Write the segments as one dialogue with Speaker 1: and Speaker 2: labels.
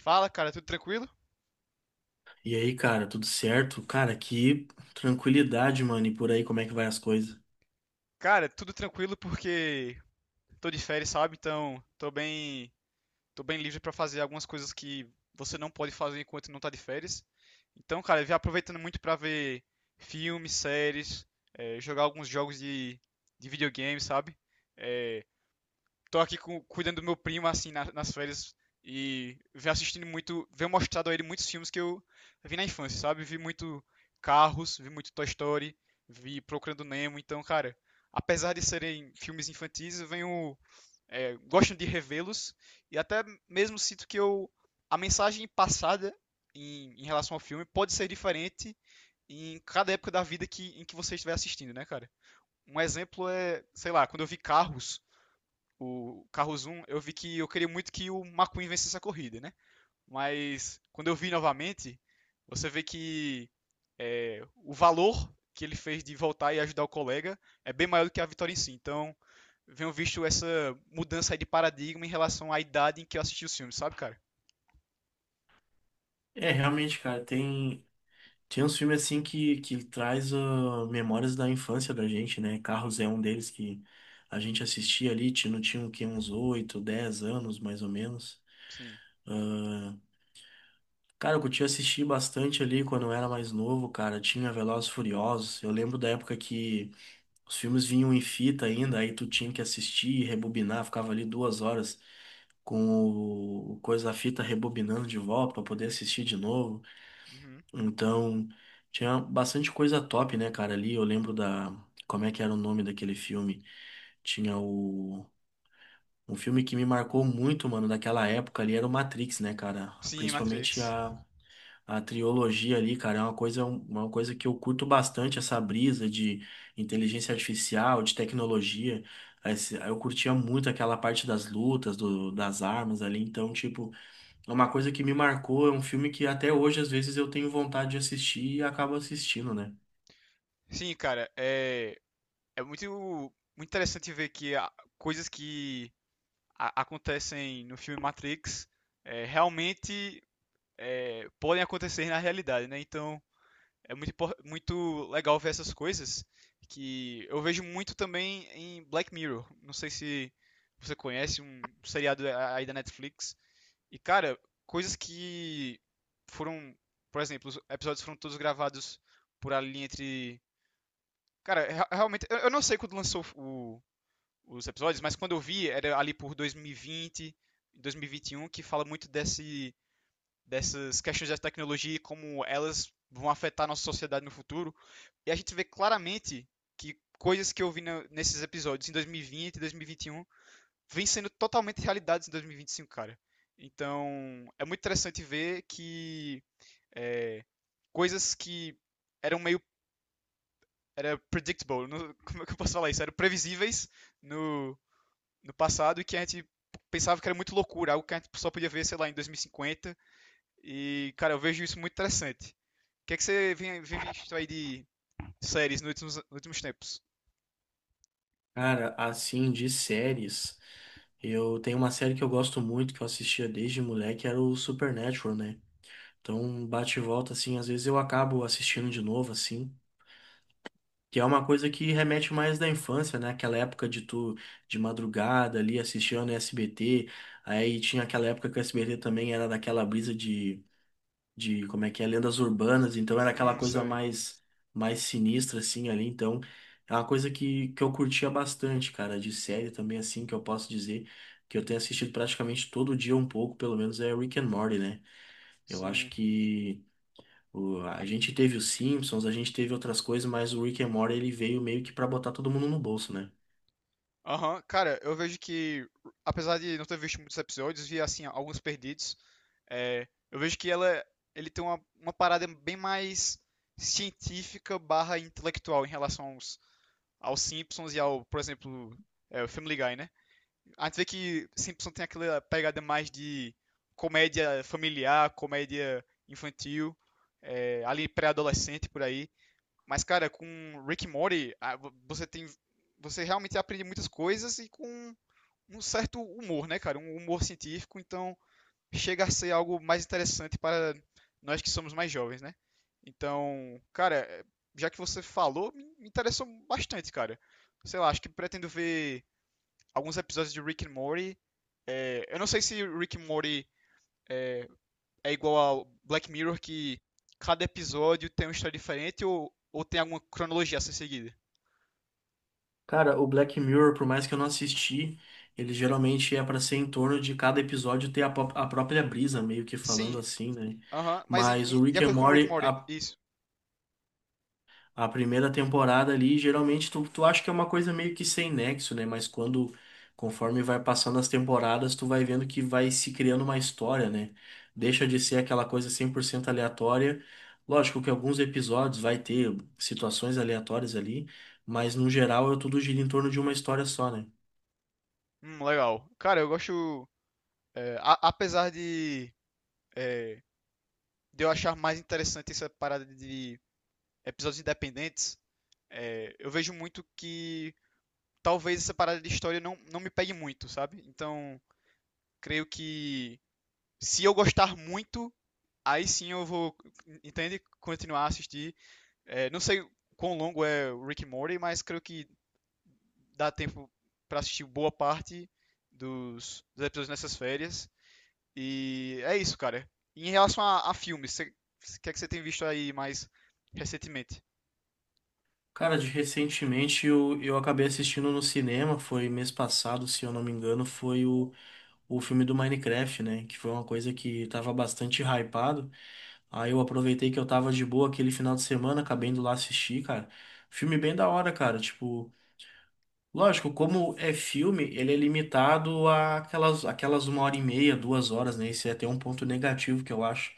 Speaker 1: Fala, cara, tudo tranquilo?
Speaker 2: E aí, cara, tudo certo? Cara, que tranquilidade, mano. E por aí, como é que vai as coisas?
Speaker 1: Cara, tudo tranquilo porque tô de férias, sabe? Então, tô bem livre pra fazer algumas coisas que você não pode fazer enquanto não tá de férias. Então, cara, eu vim aproveitando muito pra ver filmes, séries, jogar alguns jogos de videogame, sabe? Eh, Tô aqui cuidando do meu primo, assim, nas férias. E venho assistindo muito, venho mostrado a ele muitos filmes que eu vi na infância, sabe? Vi muito Carros, vi muito Toy Story, vi Procurando Nemo. Então, cara, apesar de serem filmes infantis, eu venho, gosto de revê-los. E até mesmo sinto que eu, a mensagem passada em relação ao filme pode ser diferente em cada época da vida em que você estiver assistindo, né, cara? Um exemplo é, sei lá, quando eu vi Carros, o Carros um eu vi que eu queria muito que o McQueen vencesse a corrida, né? Mas quando eu vi novamente, você vê que o valor que ele fez de voltar e ajudar o colega é bem maior do que a vitória em si. Então, venho visto essa mudança aí de paradigma em relação à idade em que eu assisti os filmes, sabe, cara?
Speaker 2: É, realmente, cara, tem uns filmes assim que traz memórias da infância da gente, né? Carros é um deles que a gente assistia ali, tinha, não tinha o quê? Uns 8, 10 anos, mais ou menos.
Speaker 1: Sim.
Speaker 2: Cara, eu curti assistir bastante ali quando eu era mais novo, cara. Tinha Velozes e Furiosos. Eu lembro da época que os filmes vinham em fita ainda, aí tu tinha que assistir e rebobinar, ficava ali 2 horas com o coisa da fita rebobinando de volta para poder assistir de novo.
Speaker 1: Uhum.
Speaker 2: Então, tinha bastante coisa top, né, cara, ali. Eu lembro da, como é que era o nome daquele filme? Tinha o, um filme que me marcou muito, mano, daquela época ali era o Matrix, né, cara?
Speaker 1: Sim,
Speaker 2: Principalmente
Speaker 1: Matrix.
Speaker 2: a trilogia ali, cara, é uma coisa que eu curto bastante, essa brisa de inteligência artificial, de tecnologia. Eu curtia muito aquela parte das lutas, do, das armas ali, então, tipo, uma coisa que me marcou é um filme que até hoje, às vezes, eu tenho vontade de assistir e acabo assistindo, né?
Speaker 1: Sim, cara, é muito, muito interessante ver que coisas que acontecem no filme Matrix, realmente podem acontecer na realidade, né? Então é muito legal ver essas coisas que eu vejo muito também em Black Mirror. Não sei se você conhece um seriado aí da Netflix. E cara, coisas que foram, por exemplo, os episódios foram todos gravados por ali entre, cara, realmente eu não sei quando lançou os episódios, mas quando eu vi era ali por 2020, 2021 que fala muito desse dessas questões da tecnologia e como elas vão afetar a nossa sociedade no futuro. E a gente vê claramente que coisas que eu vi nesses episódios em 2020 e 2021 vêm sendo totalmente realidades em 2025, cara. Então, é muito interessante ver que é, coisas que eram meio era predictable, não- como é que eu posso falar isso? Eram previsíveis no, no passado e que a gente pensava que era muito loucura, algo que a gente só podia ver, sei lá, em 2050 e, cara, eu vejo isso muito interessante. O que é que você vem visto aí de séries nos últimos tempos?
Speaker 2: Cara, assim, de séries, eu tenho uma série que eu gosto muito, que eu assistia desde moleque, era o Supernatural, né? Então, bate e volta, assim, às vezes eu acabo assistindo de novo, assim. Que é uma coisa que remete mais da infância, né? Aquela época de tu, de madrugada ali, assistindo SBT. Aí tinha aquela época que o SBT também era daquela brisa de como é que é, lendas urbanas, então era aquela coisa
Speaker 1: Sei.
Speaker 2: mais, mais sinistra assim ali, então é uma coisa que eu curtia bastante, cara, de série também assim, que eu posso dizer que eu tenho assistido praticamente todo dia um pouco, pelo menos é Rick and Morty, né? Eu acho
Speaker 1: Sim.
Speaker 2: que a gente teve os Simpsons, a gente teve outras coisas, mas o Rick and Morty ele veio meio que pra botar todo mundo no bolso, né?
Speaker 1: Aham, cara, eu vejo que, apesar de não ter visto muitos episódios, vi, assim, alguns perdidos. Eu vejo que ele tem uma parada bem mais científica barra intelectual em relação aos Simpsons e ao, por exemplo, o Family Guy, né? A gente vê que Simpson tem aquela pegada mais de comédia familiar, comédia infantil, ali pré-adolescente por aí. Mas, cara, com Rick and Morty, você tem. Você realmente aprende muitas coisas e com um certo humor, né, cara? Um humor científico, então chega a ser algo mais interessante para nós que somos mais jovens, né? Então, cara, já que você falou, me interessou bastante, cara. Sei lá, acho que pretendo ver alguns episódios de Rick and Morty. É, eu não sei se Rick and Morty é, é igual ao Black Mirror, que cada episódio tem uma história diferente ou tem alguma cronologia a ser seguida.
Speaker 2: Cara, o Black Mirror, por mais que eu não assisti, ele geralmente é para ser em torno de cada episódio ter a, a própria brisa, meio que falando
Speaker 1: Sim,
Speaker 2: assim, né?
Speaker 1: aham, mas
Speaker 2: Mas o
Speaker 1: de
Speaker 2: Rick and
Speaker 1: acordo com Rick and
Speaker 2: Morty,
Speaker 1: Morty, isso.
Speaker 2: a primeira temporada ali, geralmente tu, tu acha que é uma coisa meio que sem nexo, né? Mas quando, conforme vai passando as temporadas, tu vai vendo que vai se criando uma história, né? Deixa de ser aquela coisa 100% aleatória. Lógico que alguns episódios vai ter situações aleatórias ali, mas no geral é tudo gira em torno de uma história só, né?
Speaker 1: Legal. Cara, eu gosto. Apesar é, de eu achar mais interessante essa parada de episódios independentes, eu vejo muito que talvez essa parada de história não me pegue muito, sabe? Então, creio que se eu gostar muito, aí sim eu vou, entende? Continuar a assistir. É, não sei quão longo é o Rick and Morty, mas creio que dá tempo para assistir boa parte dos episódios nessas férias. E é isso, cara. Em relação a filmes, o que é que você tem visto aí mais recentemente?
Speaker 2: Cara, de recentemente eu acabei assistindo no cinema, foi mês passado, se eu não me engano, foi o filme do Minecraft, né? Que foi uma coisa que tava bastante hypado. Aí eu aproveitei que eu tava de boa aquele final de semana, acabei indo lá assistir, cara. Filme bem da hora, cara. Tipo, lógico, como é filme, ele é limitado a aquelas, aquelas 1 hora e meia, 2 horas, né? Esse é até um ponto negativo que eu acho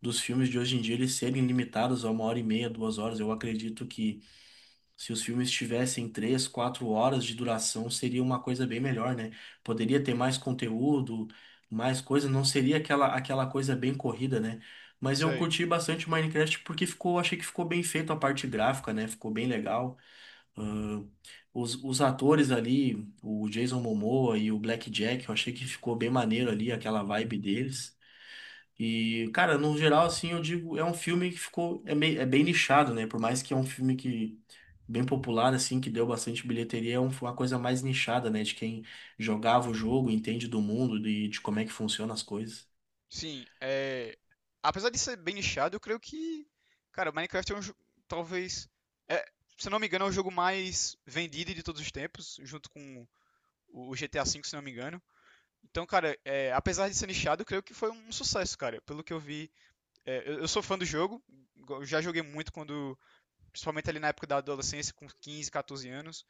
Speaker 2: dos filmes de hoje em dia, eles serem limitados a 1 hora e meia, 2 horas. Eu acredito que, se os filmes tivessem 3, 4 horas de duração, seria uma coisa bem melhor, né? Poderia ter mais conteúdo, mais coisa, não seria aquela, aquela coisa bem corrida, né? Mas eu
Speaker 1: Sei.
Speaker 2: curti bastante Minecraft porque ficou, achei que ficou bem feito a parte gráfica, né? Ficou bem legal. Ahn, os atores ali, o Jason Momoa e o Black Jack, eu achei que ficou bem maneiro ali, aquela vibe deles. E, cara, no geral, assim, eu digo, é um filme que ficou, é, meio, é bem nichado, né? Por mais que é um filme que bem popular, assim, que deu bastante bilheteria, é uma coisa mais nichada, né? De quem jogava o jogo, entende do mundo, de como é que funcionam as coisas.
Speaker 1: Sim, apesar de ser bem nichado, eu creio que, cara, Minecraft é um jogo, talvez, é, se eu não me engano, é o jogo mais vendido de todos os tempos, junto com o GTA V, se não me engano. Então, cara, apesar de ser nichado, eu creio que foi um sucesso, cara. Pelo que eu vi, eu sou fã do jogo, já joguei muito quando, principalmente ali na época da adolescência, com 15, 14 anos.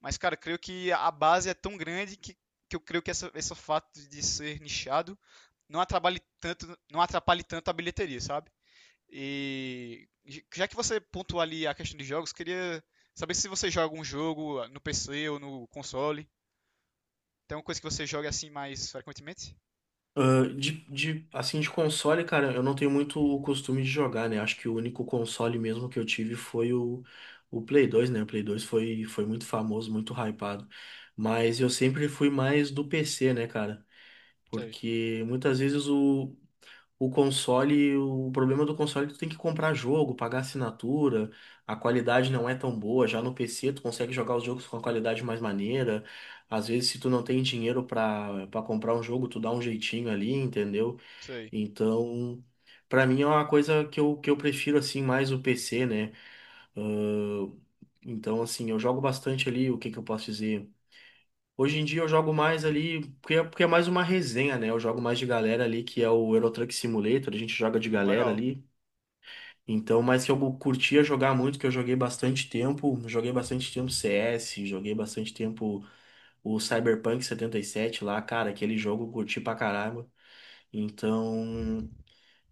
Speaker 1: Mas, cara, eu creio que a base é tão grande que eu creio que esse fato de ser nichado não atrapalhe tanto, não atrapalhe tanto a bilheteria, sabe? E já que você pontuou ali a questão de jogos, queria saber se você joga um jogo no PC ou no console. Tem uma coisa que você joga assim mais frequentemente?
Speaker 2: Ah, de, assim, de console, cara, eu não tenho muito o costume de jogar, né? Acho que o único console mesmo que eu tive foi o Play 2, né? O Play 2 foi, foi muito famoso, muito hypado. Mas eu sempre fui mais do PC, né, cara?
Speaker 1: Sei,
Speaker 2: Porque muitas vezes o console, o problema do console é que tu tem que comprar jogo, pagar assinatura, a qualidade não é tão boa. Já no PC tu consegue jogar os jogos com a qualidade mais maneira. Às vezes se tu não tem dinheiro pra para comprar um jogo, tu dá um jeitinho ali, entendeu?
Speaker 1: sei.
Speaker 2: Então, pra mim é uma coisa que eu prefiro assim mais o PC, né? Ahn, então assim, eu jogo bastante ali, o que que eu posso dizer? Hoje em dia eu jogo mais ali, porque é mais uma resenha, né? Eu jogo mais de galera ali, que é o Euro Truck Simulator, a gente joga de galera
Speaker 1: Legal.
Speaker 2: ali. Então, mas que eu curtia jogar muito, que eu joguei bastante tempo CS, joguei bastante tempo o Cyberpunk 77 lá, cara, aquele jogo eu curti pra caramba. Então,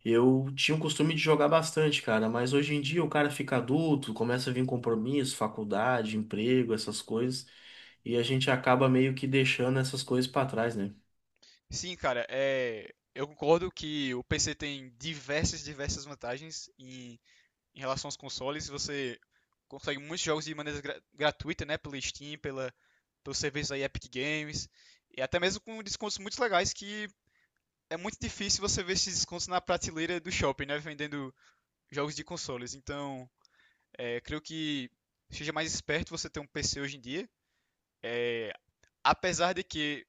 Speaker 2: eu tinha o costume de jogar bastante, cara, mas hoje em dia o cara fica adulto, começa a vir compromisso, faculdade, emprego, essas coisas, e a gente acaba meio que deixando essas coisas pra trás, né?
Speaker 1: Sim, cara, eu concordo que o PC tem diversas, diversas vantagens em relação aos consoles, você consegue muitos jogos de maneira gratuita, né? Pela Steam, pelo serviço da Epic Games. E até mesmo com descontos muito legais que é muito difícil você ver esses descontos na prateleira do shopping, né? Vendendo jogos de consoles. Então, creio que seja mais esperto você ter um PC hoje em dia. É, apesar de que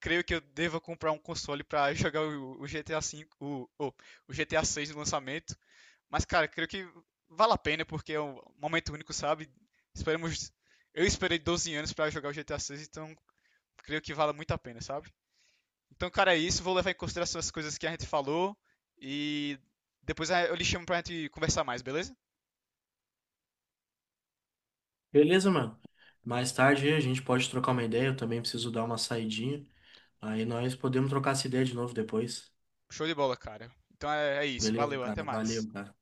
Speaker 1: creio que eu deva comprar um console para jogar o GTA V, o GTA 6 no lançamento. Mas, cara, creio que vale a pena porque é um momento único, sabe? Esperemos. Eu esperei 12 anos para jogar o GTA 6, então creio que vale muito a pena, sabe? Então, cara, é isso. Vou levar em consideração as coisas que a gente falou e depois eu lhe chamo pra gente conversar mais, beleza?
Speaker 2: Beleza, mano? Mais tarde aí a gente pode trocar uma ideia, eu também preciso dar uma saidinha, aí nós podemos trocar essa ideia de novo depois.
Speaker 1: Show de bola, cara. Então é isso.
Speaker 2: Beleza,
Speaker 1: Valeu, até
Speaker 2: cara? Valeu,
Speaker 1: mais.
Speaker 2: cara.